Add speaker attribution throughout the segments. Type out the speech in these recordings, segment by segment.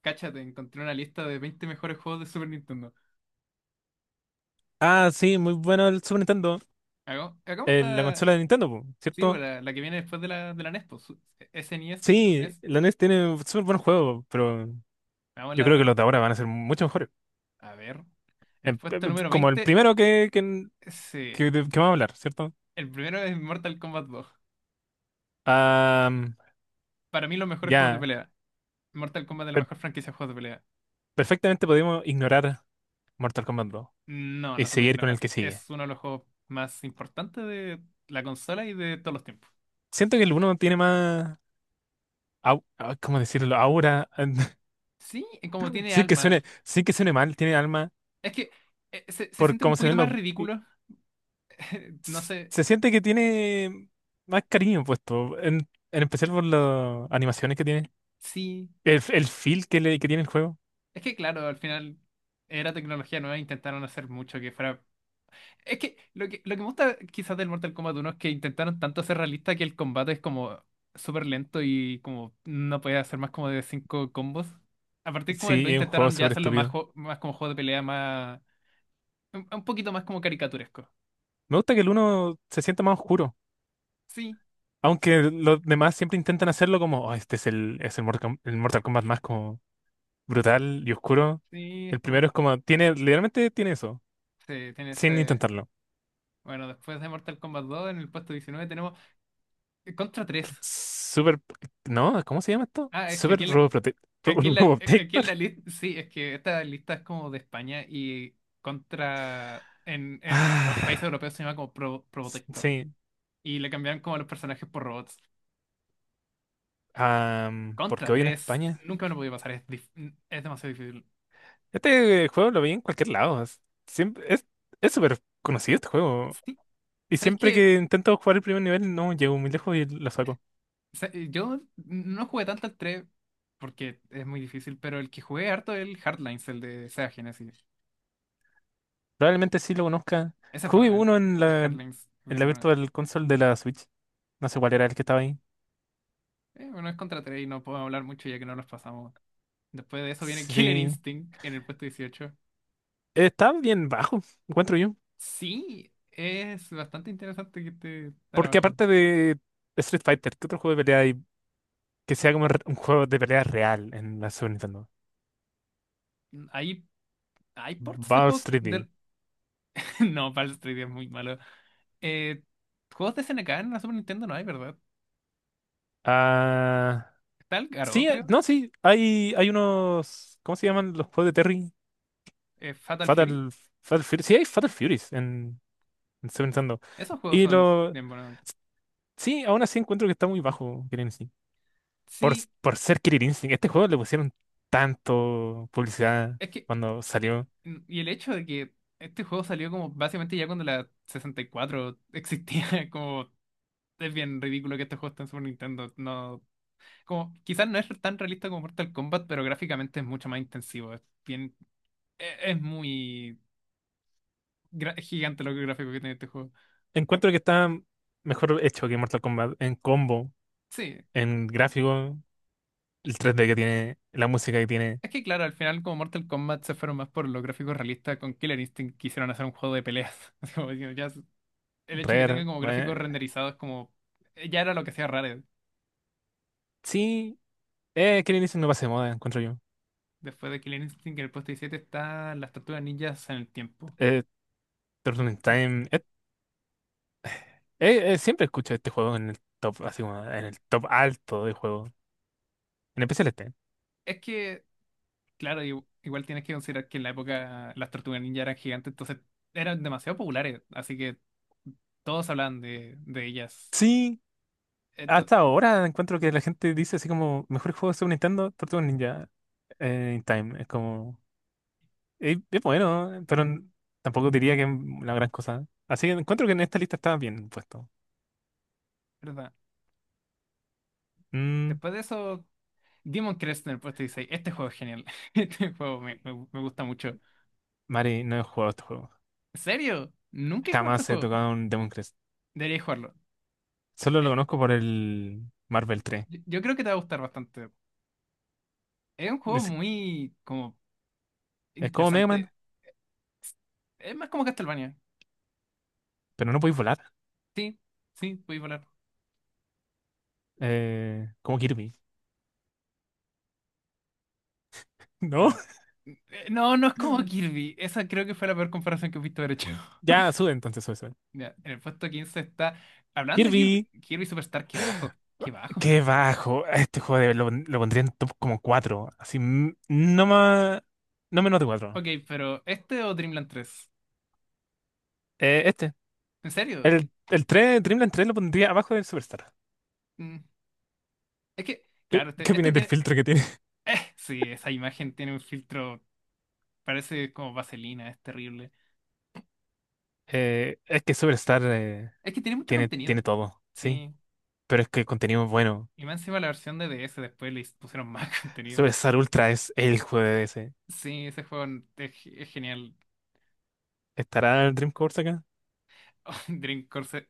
Speaker 1: Cáchate, encontré una lista de 20 mejores juegos de Super Nintendo.
Speaker 2: Ah, sí, muy bueno el Super Nintendo.
Speaker 1: Hagamos
Speaker 2: La
Speaker 1: esta,
Speaker 2: consola de Nintendo, po,
Speaker 1: sí, pues,
Speaker 2: ¿cierto?
Speaker 1: la que viene después de la NES, pues, SNES,
Speaker 2: Sí,
Speaker 1: NES.
Speaker 2: la NES tiene súper buenos juegos, pero yo creo que
Speaker 1: Hagamos
Speaker 2: los de ahora van a ser mucho mejores.
Speaker 1: a ver. En el puesto número
Speaker 2: Como el
Speaker 1: 20,
Speaker 2: primero
Speaker 1: sí.
Speaker 2: que vamos a hablar, ¿cierto?
Speaker 1: El primero es Mortal Kombat 2.
Speaker 2: Ah,
Speaker 1: Para mí, los mejores juegos de
Speaker 2: ya,
Speaker 1: pelea. Mortal Kombat es la
Speaker 2: per-
Speaker 1: mejor franquicia de juegos de pelea.
Speaker 2: perfectamente podemos ignorar Mortal Kombat 2
Speaker 1: No,
Speaker 2: y
Speaker 1: no se puede
Speaker 2: seguir con el
Speaker 1: ignorar.
Speaker 2: que sigue.
Speaker 1: Es uno de los juegos más importantes de la consola y de todos los tiempos.
Speaker 2: Siento que el uno tiene más, ¿cómo decirlo? Aura.
Speaker 1: Sí, como tiene alma.
Speaker 2: Sí que suene mal, tiene alma
Speaker 1: Es que se
Speaker 2: por
Speaker 1: siente un
Speaker 2: cómo se
Speaker 1: poquito
Speaker 2: ven
Speaker 1: más
Speaker 2: los,
Speaker 1: ridículo. No sé,
Speaker 2: se siente que tiene más cariño puesto, en especial por las animaciones que tiene,
Speaker 1: sí.
Speaker 2: el feel que tiene el juego.
Speaker 1: Es que claro, al final era tecnología nueva, intentaron hacer mucho que fuera. Es que lo que me gusta quizás del Mortal Kombat uno es que intentaron tanto ser realista que el combate es como súper lento y como no podía hacer más como de cinco combos. A partir como del 2
Speaker 2: Sí, es un juego
Speaker 1: intentaron ya
Speaker 2: súper
Speaker 1: hacerlo más,
Speaker 2: estúpido.
Speaker 1: más como juego de pelea, más. Un poquito más como caricaturesco.
Speaker 2: Me gusta que el uno se sienta más oscuro,
Speaker 1: Sí,
Speaker 2: aunque los demás siempre intentan hacerlo como, "Oh, este es es el Mortal Kombat más como brutal y oscuro."
Speaker 1: sí, es
Speaker 2: El primero
Speaker 1: como.
Speaker 2: es como, tiene, literalmente tiene eso,
Speaker 1: Sí, tiene
Speaker 2: sin
Speaker 1: ese.
Speaker 2: intentarlo.
Speaker 1: Bueno, después de Mortal Kombat dos en el puesto 19 tenemos Contra tres.
Speaker 2: Súper, no, ¿cómo se llama esto?
Speaker 1: Ah, es que
Speaker 2: Súper
Speaker 1: aquí Aquí en la, e, aquí en
Speaker 2: Robotector.
Speaker 1: la lista, sí, es que esta lista es como de España y contra, en los países
Speaker 2: Ah,
Speaker 1: europeos se llama como Probotector.
Speaker 2: sí,
Speaker 1: Y le cambiaron como los personajes por robots. Contra
Speaker 2: Porque hoy en
Speaker 1: tres
Speaker 2: España.
Speaker 1: nunca me lo podía pasar, es demasiado difícil.
Speaker 2: Este juego lo vi en cualquier lado. Siempre, es súper conocido este juego.
Speaker 1: Sí,
Speaker 2: Y
Speaker 1: ¿sabes
Speaker 2: siempre
Speaker 1: qué?
Speaker 2: que intento jugar el primer nivel, no llego muy lejos y lo saco.
Speaker 1: Yo no jugué tanto al 3 porque es muy difícil, pero el que jugué harto es el Hardlines, el de Sega Genesis.
Speaker 2: Probablemente sí lo conozca.
Speaker 1: Ese es bueno,
Speaker 2: Jugué
Speaker 1: el,
Speaker 2: uno en
Speaker 1: el
Speaker 2: en
Speaker 1: Hardlines es
Speaker 2: la
Speaker 1: bien bueno.
Speaker 2: Virtual Console de la Switch. No sé cuál era el que estaba ahí.
Speaker 1: Bueno, es contra tres y no puedo hablar mucho ya que no los pasamos. Después de eso viene
Speaker 2: Sí,
Speaker 1: Killer
Speaker 2: sí.
Speaker 1: Instinct en el puesto 18.
Speaker 2: Está bien bajo, encuentro yo.
Speaker 1: Sí, es bastante interesante que esté tan
Speaker 2: Porque
Speaker 1: abajo.
Speaker 2: aparte de Street Fighter, ¿qué otro juego de pelea hay que sea como un juego de pelea real en la Super Nintendo?
Speaker 1: Hay, hay ports de
Speaker 2: Battle
Speaker 1: juegos
Speaker 2: 3D.
Speaker 1: de. No, Baldur's Street es muy malo. Eh, Juegos de SNK en la Super Nintendo no hay, ¿verdad? Está el Garou,
Speaker 2: Sí,
Speaker 1: creo.
Speaker 2: no, sí, hay unos. ¿Cómo se llaman los juegos de Terry?
Speaker 1: Fatal Fury.
Speaker 2: Fatal, Fatal Fury, sí, hay Fatal Furies en Super Nintendo.
Speaker 1: Esos juegos
Speaker 2: Y
Speaker 1: son
Speaker 2: lo,
Speaker 1: bien buenos.
Speaker 2: sí, aún así encuentro que está muy bajo Killer Instinct.
Speaker 1: Sí,
Speaker 2: Por ser Killer Instinct, este juego le pusieron tanto publicidad
Speaker 1: es que.
Speaker 2: cuando
Speaker 1: eh,
Speaker 2: salió.
Speaker 1: y el hecho de que este juego salió como básicamente ya cuando la 64 existía, como. Es bien ridículo que estos juegos estén en Super Nintendo. No, como, quizás no es tan realista como Mortal Kombat, pero gráficamente es mucho más intensivo. Es bien, muy gigante los gráficos que tiene este juego.
Speaker 2: Encuentro que está mejor hecho que Mortal Kombat en combo,
Speaker 1: Sí,
Speaker 2: en gráfico, el 3D que tiene, la música que tiene.
Speaker 1: es que claro, al final como Mortal Kombat se fueron más por los gráficos realistas, con Killer Instinct quisieron hacer un juego de peleas. Así como diciendo, ya, el hecho de que tenga
Speaker 2: Rare,
Speaker 1: como
Speaker 2: bueno,
Speaker 1: gráficos renderizados como ya era lo que hacía Rare.
Speaker 2: sí, Killer Instinct no pasa de moda, encuentro yo.
Speaker 1: Después de Killer Instinct en el puesto 17 está las tortugas ninjas en el tiempo.
Speaker 2: Eh, Turtles in Time. Siempre escucho este juego en el top, así como en el top alto de juego. En especial este.
Speaker 1: Es que claro, igual tienes que considerar que en la época las tortugas ninja eran gigantes, entonces eran demasiado populares, así que todos hablaban de ellas.
Speaker 2: Sí,
Speaker 1: Esto,
Speaker 2: hasta ahora encuentro que la gente dice así como mejor juego de Super Nintendo, Turtles Ninja in Time. Es como. Bueno, pero tampoco diría que es la gran cosa. Así que encuentro que en esta lista está bien puesto.
Speaker 1: ¿verdad?
Speaker 2: Mm.
Speaker 1: Después de eso, Demon Crest en el puesto 16. Este juego es genial. Este juego me gusta mucho.
Speaker 2: Mari, no he jugado este juego.
Speaker 1: ¿En serio? Nunca he jugado este
Speaker 2: Jamás he
Speaker 1: juego.
Speaker 2: tocado un Demon Crest.
Speaker 1: Deberías jugarlo.
Speaker 2: Solo lo
Speaker 1: Eh,
Speaker 2: conozco por el Marvel 3.
Speaker 1: yo creo que te va a gustar bastante. Es un juego
Speaker 2: Es,
Speaker 1: muy como
Speaker 2: es como Mega
Speaker 1: interesante.
Speaker 2: Man,
Speaker 1: Es más como Castlevania.
Speaker 2: pero no podéis volar.
Speaker 1: Sí, sí, puedes volar.
Speaker 2: Como Kirby. No.
Speaker 1: Bueno, eh, no, no es como Kirby. Esa creo que fue la peor comparación que he visto haber hecho.
Speaker 2: Ya, sube entonces, sube, sube.
Speaker 1: Mira, en el puesto 15 está. Hablando de Kirby,
Speaker 2: Kirby,
Speaker 1: Kirby Superstar, qué bajo, qué bajo.
Speaker 2: qué bajo. Este juego lo pondría en top como 4. Así, mm, no más, no menos de 4.
Speaker 1: Ok, pero ¿este o Dreamland tres?
Speaker 2: Este,
Speaker 1: ¿En serio?
Speaker 2: el 3, Dreamland 3 lo pondría abajo del Superstar.
Speaker 1: Mm, es que, claro,
Speaker 2: ¿Qué
Speaker 1: este
Speaker 2: opináis del
Speaker 1: tiene.
Speaker 2: filtro que tiene?
Speaker 1: Sí, esa imagen tiene un filtro. Parece como vaselina, es terrible.
Speaker 2: Es que Superstar
Speaker 1: Es que tiene mucho
Speaker 2: tiene
Speaker 1: contenido.
Speaker 2: todo, sí.
Speaker 1: Sí.
Speaker 2: Pero es que el contenido es bueno.
Speaker 1: Y más encima la versión de DS después le pusieron más contenido.
Speaker 2: Superstar Ultra es el juego de ese.
Speaker 1: Sí, ese juego es genial.
Speaker 2: ¿Estará el Dream Course acá?
Speaker 1: Dream Course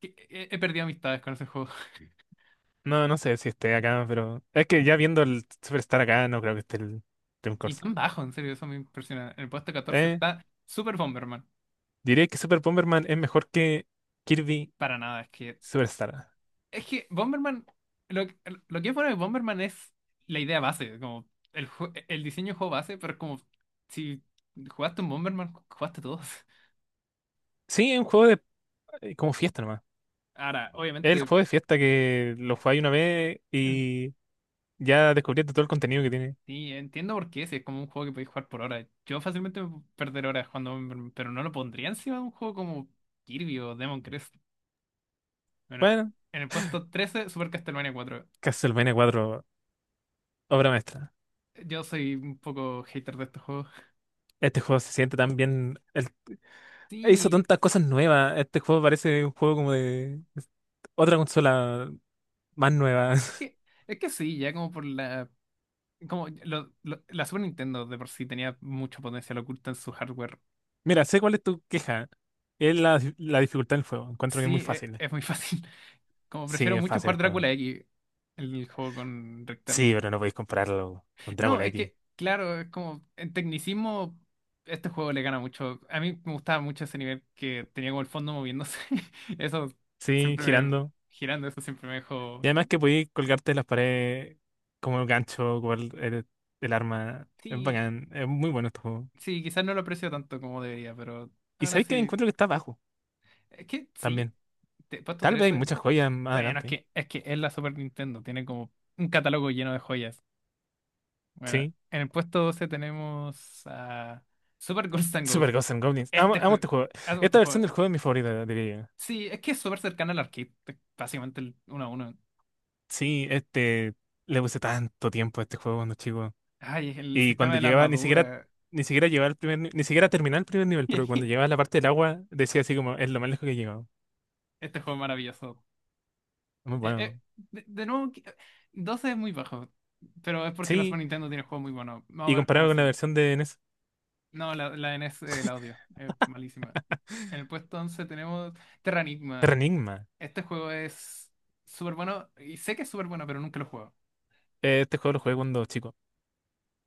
Speaker 1: He perdido amistades con ese juego.
Speaker 2: No, no sé si esté acá, pero es que ya viendo el Superstar acá, no creo que esté el Dream
Speaker 1: Y
Speaker 2: Course.
Speaker 1: tan bajo, en serio, eso me impresiona. En el puesto 14 está Super Bomberman.
Speaker 2: Diré que Super Bomberman es mejor que Kirby
Speaker 1: Para nada, es que.
Speaker 2: Superstar.
Speaker 1: Es que Bomberman. Lo, que- lo que es bueno de Bomberman es la idea base, como el diseño de juego base, pero es como si jugaste un Bomberman, jugaste todos.
Speaker 2: Sí, es un juego de como fiesta nomás.
Speaker 1: Ahora,
Speaker 2: Es el
Speaker 1: obviamente,
Speaker 2: juego de fiesta que lo jugáis una vez
Speaker 1: en-
Speaker 2: y ya descubriste todo el contenido que tiene.
Speaker 1: y entiendo por qué, si es como un juego que podéis jugar por horas. Yo fácilmente me puedo perder horas jugando Bomberman, pero no lo pondría encima de un juego como Kirby o Demon Crest. Bueno,
Speaker 2: Bueno,
Speaker 1: en el puesto 13 Super Castlevania cuatro.
Speaker 2: Castlevania 4, obra maestra.
Speaker 1: Yo soy un poco hater de estos juegos.
Speaker 2: Este juego se siente tan bien. Hizo
Speaker 1: Sí,
Speaker 2: tantas cosas nuevas. Este juego parece un juego como de otra consola más nueva.
Speaker 1: es que, es que sí, ya como por la. Como la Super Nintendo de por sí tenía mucho potencial oculto en su hardware.
Speaker 2: Mira, sé cuál es tu queja. Es la dificultad del juego. Encuentro que es
Speaker 1: Sí,
Speaker 2: muy fácil.
Speaker 1: muy fácil. Como
Speaker 2: Sí,
Speaker 1: prefiero
Speaker 2: es
Speaker 1: mucho
Speaker 2: fácil el
Speaker 1: jugar
Speaker 2: juego.
Speaker 1: Drácula X, el juego con Richter.
Speaker 2: Sí, pero no podéis compararlo con Dragon
Speaker 1: No, es
Speaker 2: X.
Speaker 1: que, claro, es como en tecnicismo, este juego le gana mucho. A mí me gustaba mucho ese nivel que tenía como el fondo moviéndose. Eso
Speaker 2: Sí,
Speaker 1: siempre me,
Speaker 2: girando.
Speaker 1: Girando, eso siempre me dejó.
Speaker 2: Y además que podías colgarte de las paredes como el gancho, como el arma. Es
Speaker 1: Sí,
Speaker 2: bacán, es muy bueno este juego.
Speaker 1: sí, quizás no lo aprecio tanto como debería, pero
Speaker 2: Y
Speaker 1: ahora
Speaker 2: sabéis que
Speaker 1: sí.
Speaker 2: encuentro que está bajo
Speaker 1: Es que sí,
Speaker 2: también.
Speaker 1: puesto
Speaker 2: Tal vez hay
Speaker 1: 13.
Speaker 2: muchas joyas más
Speaker 1: Bueno, es
Speaker 2: adelante.
Speaker 1: que, es que es la Super Nintendo, tiene como un catálogo lleno de joyas. Bueno,
Speaker 2: Sí,
Speaker 1: en el puesto 12 tenemos a Super Ghost and
Speaker 2: Super
Speaker 1: Ghost.
Speaker 2: Ghosts and Goblins. Amo,
Speaker 1: Este
Speaker 2: amo
Speaker 1: juego,
Speaker 2: este juego.
Speaker 1: hacemos este
Speaker 2: Esta versión
Speaker 1: juego.
Speaker 2: del juego es mi favorita, diría yo.
Speaker 1: Sí, es que es súper cercano al arcade, es básicamente el uno a uno.
Speaker 2: Sí, este. Le puse tanto tiempo a este juego cuando chico.
Speaker 1: Ay, el
Speaker 2: Y
Speaker 1: sistema
Speaker 2: cuando
Speaker 1: de la
Speaker 2: llegaba, ni siquiera.
Speaker 1: armadura.
Speaker 2: Ni siquiera llegaba al primer, ni siquiera terminaba el primer nivel, pero cuando llegaba a la parte del agua, decía así como, es lo más lejos que he llegado.
Speaker 1: Este juego es maravilloso.
Speaker 2: Muy
Speaker 1: Eh, eh,
Speaker 2: bueno.
Speaker 1: de nuevo, 12 es muy bajo, pero es porque la Super
Speaker 2: Sí,
Speaker 1: Nintendo tiene juegos muy buenos. Vamos
Speaker 2: y
Speaker 1: a ver cómo
Speaker 2: comparado con la
Speaker 1: sigue.
Speaker 2: versión de NES.
Speaker 1: No, la n NES, el audio, es malísima. En el puesto 11 tenemos Terranigma.
Speaker 2: Terra.
Speaker 1: Este juego es súper bueno, y sé que es súper bueno, pero nunca lo he jugado.
Speaker 2: Este juego lo jugué cuando chico.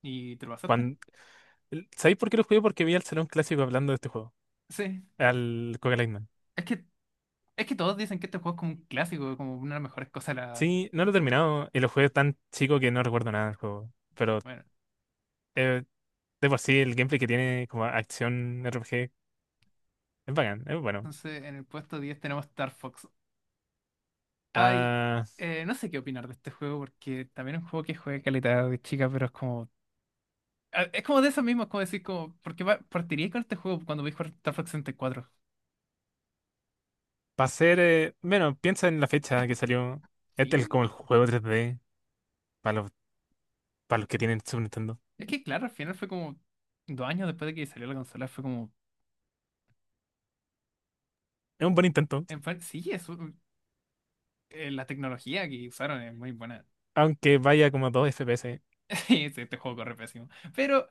Speaker 1: ¿Y te lo pasaste?
Speaker 2: Cuando... ¿Sabéis por qué lo jugué? Porque vi al Salón Clásico hablando de este juego.
Speaker 1: Sí.
Speaker 2: Al Coca Lightman.
Speaker 1: Es que, es que todos dicen que este juego es como un clásico, como una de las mejores cosas de la.
Speaker 2: Sí, no lo he terminado y lo jugué tan chico que no recuerdo nada del juego. Pero
Speaker 1: Bueno,
Speaker 2: eh, de por sí el gameplay que tiene como acción RPG es bacán, es bueno.
Speaker 1: entonces en el puesto 10 tenemos Star Fox. Ay,
Speaker 2: Ah,
Speaker 1: no sé qué opinar de este juego, porque también es un juego que juega calidad de chica, pero es como. Es como de eso mismo, es como decir, como, ¿por qué partiría con este juego cuando voy a jugar Star Fox 64?
Speaker 2: para ser... bueno, piensa en la fecha que salió.
Speaker 1: Sí.
Speaker 2: Este es como el juego 3D para los que tienen Super Nintendo.
Speaker 1: Es que claro, al final fue como 2 años después de que salió la consola, fue como,
Speaker 2: Es un buen intento,
Speaker 1: sí, la tecnología que usaron es muy buena.
Speaker 2: aunque vaya como a 2 FPS.
Speaker 1: Sí, este juego corre pésimo. Pero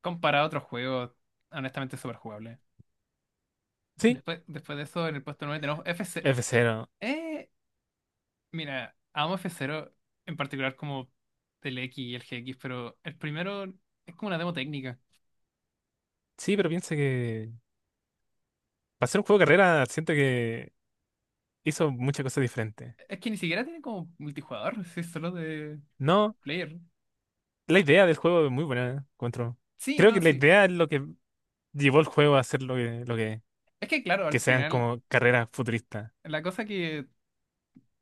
Speaker 1: comparado a otros juegos, honestamente es súper jugable.
Speaker 2: Sí,
Speaker 1: Después de eso, en el puesto 9 tenemos F0.
Speaker 2: F0.
Speaker 1: Eh, Mira, amo F0, en particular como el X y el GX, pero el primero es como una demo técnica.
Speaker 2: Sí, pero piensa que para ser un juego de carrera, siento que hizo muchas cosas diferentes.
Speaker 1: Es que ni siquiera tiene como multijugador, si es solo de
Speaker 2: No,
Speaker 1: player.
Speaker 2: la idea del juego es muy buena, encuentro.
Speaker 1: Sí,
Speaker 2: Creo
Speaker 1: no,
Speaker 2: que la
Speaker 1: sí.
Speaker 2: idea es lo que llevó el juego a ser lo que,
Speaker 1: Es que claro, al
Speaker 2: que sean
Speaker 1: final,
Speaker 2: como carreras futuristas.
Speaker 1: la cosa que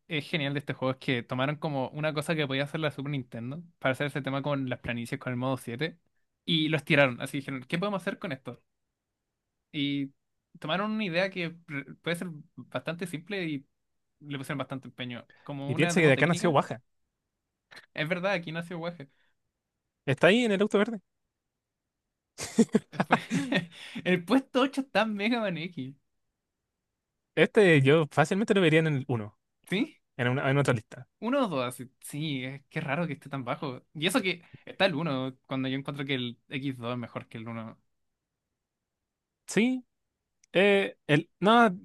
Speaker 1: es genial de este juego es que tomaron como una cosa que podía hacer la Super Nintendo para hacer ese tema con las planicies con el modo 7 y los tiraron. Así dijeron, ¿qué podemos hacer con esto? Y tomaron una idea que puede ser bastante simple y le pusieron bastante empeño. Como
Speaker 2: Y
Speaker 1: una
Speaker 2: piensa que de
Speaker 1: demo
Speaker 2: acá nació
Speaker 1: técnica,
Speaker 2: Baja.
Speaker 1: es verdad, aquí nació Waje.
Speaker 2: Está ahí en el auto verde.
Speaker 1: Después, el puesto 8 está en Mega Man X,
Speaker 2: Este yo fácilmente lo vería en el uno
Speaker 1: ¿sí?
Speaker 2: en otra lista.
Speaker 1: Uno o dos, así. Sí, es que raro que esté tan bajo. Y eso que está el uno cuando yo encuentro que el x dos es mejor que el uno.
Speaker 2: Sí, el, no,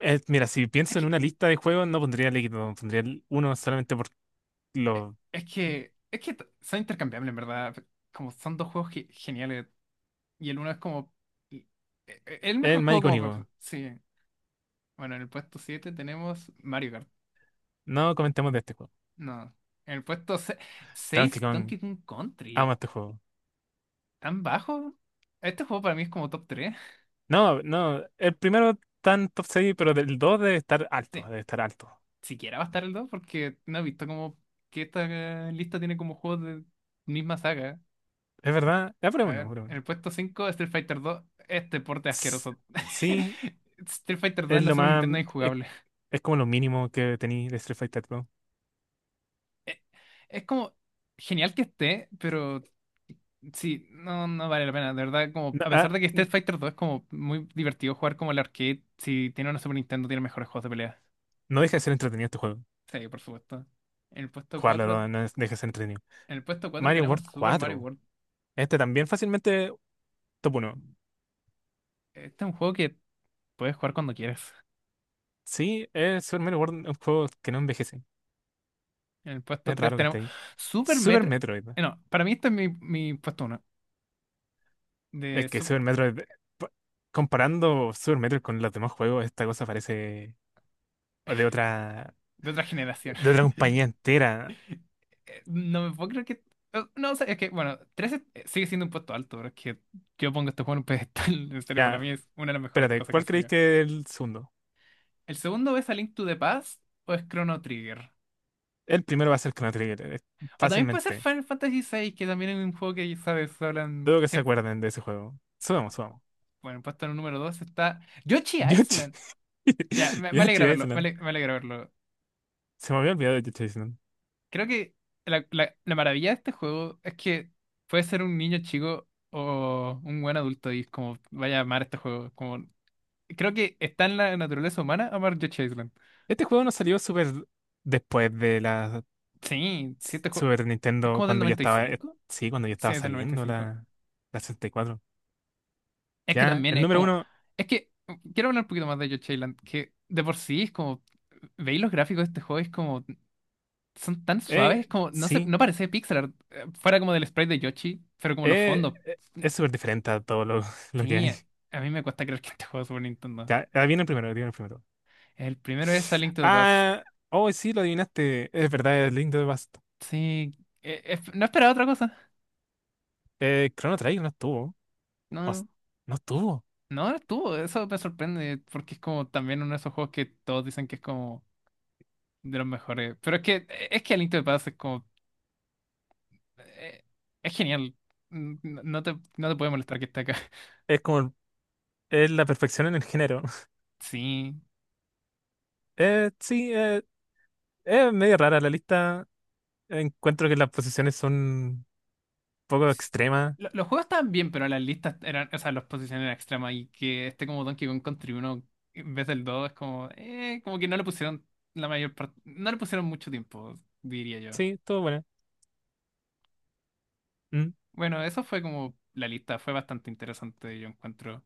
Speaker 2: mira, si
Speaker 1: Es
Speaker 2: pienso en
Speaker 1: que,
Speaker 2: una lista de juegos, no pondría el Equipo, pondría el uno solamente lo,
Speaker 1: es que son intercambiables, en verdad. Como son dos juegos geniales. Y el uno es como. y- El
Speaker 2: es
Speaker 1: mejor
Speaker 2: el más
Speaker 1: juego como para empezar.
Speaker 2: icónico.
Speaker 1: Sí. Bueno, en el puesto 7 tenemos Mario Kart.
Speaker 2: No comentemos de este juego.
Speaker 1: No. En el puesto
Speaker 2: Donkey
Speaker 1: 6
Speaker 2: Kong,
Speaker 1: Donkey Kong
Speaker 2: amo
Speaker 1: Country.
Speaker 2: este juego.
Speaker 1: ¿Tan bajo? Este juego para mí es como top tres.
Speaker 2: No, no, el primero está en top 6, pero del 2 debe estar alto,
Speaker 1: Sí.
Speaker 2: debe estar alto.
Speaker 1: Siquiera va a estar el 2 porque no he visto como que esta lista tiene como juegos de misma saga.
Speaker 2: Es verdad, ya, pero
Speaker 1: A
Speaker 2: bueno,
Speaker 1: ver,
Speaker 2: pero
Speaker 1: en
Speaker 2: bueno.
Speaker 1: el puesto 5 Street Fighter dos este porte
Speaker 2: S-
Speaker 1: asqueroso.
Speaker 2: Sí,
Speaker 1: Street Fighter dos
Speaker 2: es
Speaker 1: en la
Speaker 2: lo
Speaker 1: Super
Speaker 2: más,
Speaker 1: Nintendo es
Speaker 2: es,
Speaker 1: injugable.
Speaker 2: es como lo mínimo que tenéis de Street Fighter Pro.
Speaker 1: Eh, Es como genial que esté, pero sí, no, no vale la pena. De verdad, como
Speaker 2: No,
Speaker 1: a pesar
Speaker 2: ah,
Speaker 1: de que Street Fighter dos es como muy divertido jugar como el arcade, si tiene una Super Nintendo tiene mejores juegos de pelea.
Speaker 2: no deja de ser entretenido este juego.
Speaker 1: Sí, por supuesto. En el puesto
Speaker 2: Jugarlo
Speaker 1: 4
Speaker 2: no, deja de ser entretenido.
Speaker 1: en el puesto 4
Speaker 2: Mario
Speaker 1: tenemos
Speaker 2: World
Speaker 1: Super Mario
Speaker 2: 4.
Speaker 1: World.
Speaker 2: Este también fácilmente top uno.
Speaker 1: Este es un juego que puedes jugar cuando quieras.
Speaker 2: Sí, es Super Mario World, un juego que no envejece.
Speaker 1: En el puesto
Speaker 2: Es
Speaker 1: 3
Speaker 2: raro que
Speaker 1: tenemos
Speaker 2: esté ahí.
Speaker 1: Super
Speaker 2: Super
Speaker 1: Metro.
Speaker 2: Metroid,
Speaker 1: No, para mí este es mi puesto uno
Speaker 2: es
Speaker 1: de,
Speaker 2: que
Speaker 1: su-
Speaker 2: Super Metroid, pa- comparando Super Metroid con los demás juegos, esta cosa parece. O de otra,
Speaker 1: de otra generación.
Speaker 2: compañía entera.
Speaker 1: No me puedo creer que. No, o sea, es que, bueno, 13 sigue siendo un puesto alto, pero es que yo pongo este juego en un pedestal. En serio, para
Speaker 2: Ya,
Speaker 1: mí es una de las mejores
Speaker 2: espérate,
Speaker 1: cosas que
Speaker 2: ¿cuál
Speaker 1: han
Speaker 2: creéis
Speaker 1: salido.
Speaker 2: que es el segundo?
Speaker 1: El segundo es A Link to the Past o es Chrono Trigger.
Speaker 2: El primero va a ser Chrono Trigger,
Speaker 1: O también puede ser
Speaker 2: fácilmente.
Speaker 1: Final Fantasy VI, que también es un juego que, sabes, hablan
Speaker 2: Dudo que se
Speaker 1: siempre.
Speaker 2: acuerden de ese juego. Subamos, subamos.
Speaker 1: Bueno, puesto en el número 2 está Yoshi
Speaker 2: Yoshi,
Speaker 1: Island. Ya, me alegra
Speaker 2: Yoshi
Speaker 1: verlo, me
Speaker 2: Island.
Speaker 1: ale- me alegra verlo.
Speaker 2: Se me había olvidado de Yoshi Island.
Speaker 1: Creo que la maravilla de este juego es que puede ser un niño chico o un buen adulto y es como vaya a amar este juego. Como, creo que está en la naturaleza humana amar Yoshi's Island.
Speaker 2: Este juego no salió súper después de la
Speaker 1: Sí, sí, este juego
Speaker 2: Super
Speaker 1: es
Speaker 2: Nintendo,
Speaker 1: como del
Speaker 2: cuando ya
Speaker 1: noventa y
Speaker 2: estaba,
Speaker 1: cinco
Speaker 2: sí, cuando ya
Speaker 1: Sí,
Speaker 2: estaba
Speaker 1: es del noventa y
Speaker 2: saliendo
Speaker 1: cinco
Speaker 2: la 64.
Speaker 1: Es que
Speaker 2: Ya,
Speaker 1: también
Speaker 2: el
Speaker 1: es
Speaker 2: número
Speaker 1: como.
Speaker 2: uno,
Speaker 1: Es que quiero hablar un poquito más de Yoshi's Island, que de por sí es como. ¿Veis los gráficos de este juego? Es como. Son tan suaves,
Speaker 2: eh,
Speaker 1: es como. No sé,
Speaker 2: sí,
Speaker 1: no parece pixel art. Fuera como del sprite de Yoshi, pero como los fondos.
Speaker 2: es súper diferente a todo lo, lo que
Speaker 1: Sí,
Speaker 2: hay.
Speaker 1: a mí me cuesta creer que este juego es Super Nintendo.
Speaker 2: Ya, ah, viene el primero, viene el primero.
Speaker 1: El primero es A Link to the Past.
Speaker 2: Ah, oh, sí, lo adivinaste. Es verdad, es Link de the Past.
Speaker 1: Sí, no esperaba otra cosa.
Speaker 2: Chrono Trigger no estuvo. O s-
Speaker 1: No,
Speaker 2: no estuvo.
Speaker 1: no estuvo, eso me sorprende porque es como también uno de esos juegos que todos dicen que es como de los mejores. Pero es que es que A Link to the Past es como eh, es genial. No te puede molestar que esté acá.
Speaker 2: Es como es la perfección en el género.
Speaker 1: Sí.
Speaker 2: Sí, es medio rara la lista. Encuentro que las posiciones son un poco extremas.
Speaker 1: Los juegos estaban bien, pero las listas eran, o sea, los posiciones eran extremas y que este como Donkey Kong Country 1 en vez del 2 es como, como que no le pusieron la mayor parte, no le pusieron mucho tiempo, diría yo.
Speaker 2: Sí, estuvo buena. Mm.
Speaker 1: Bueno, eso fue como la lista, fue bastante interesante, yo encuentro.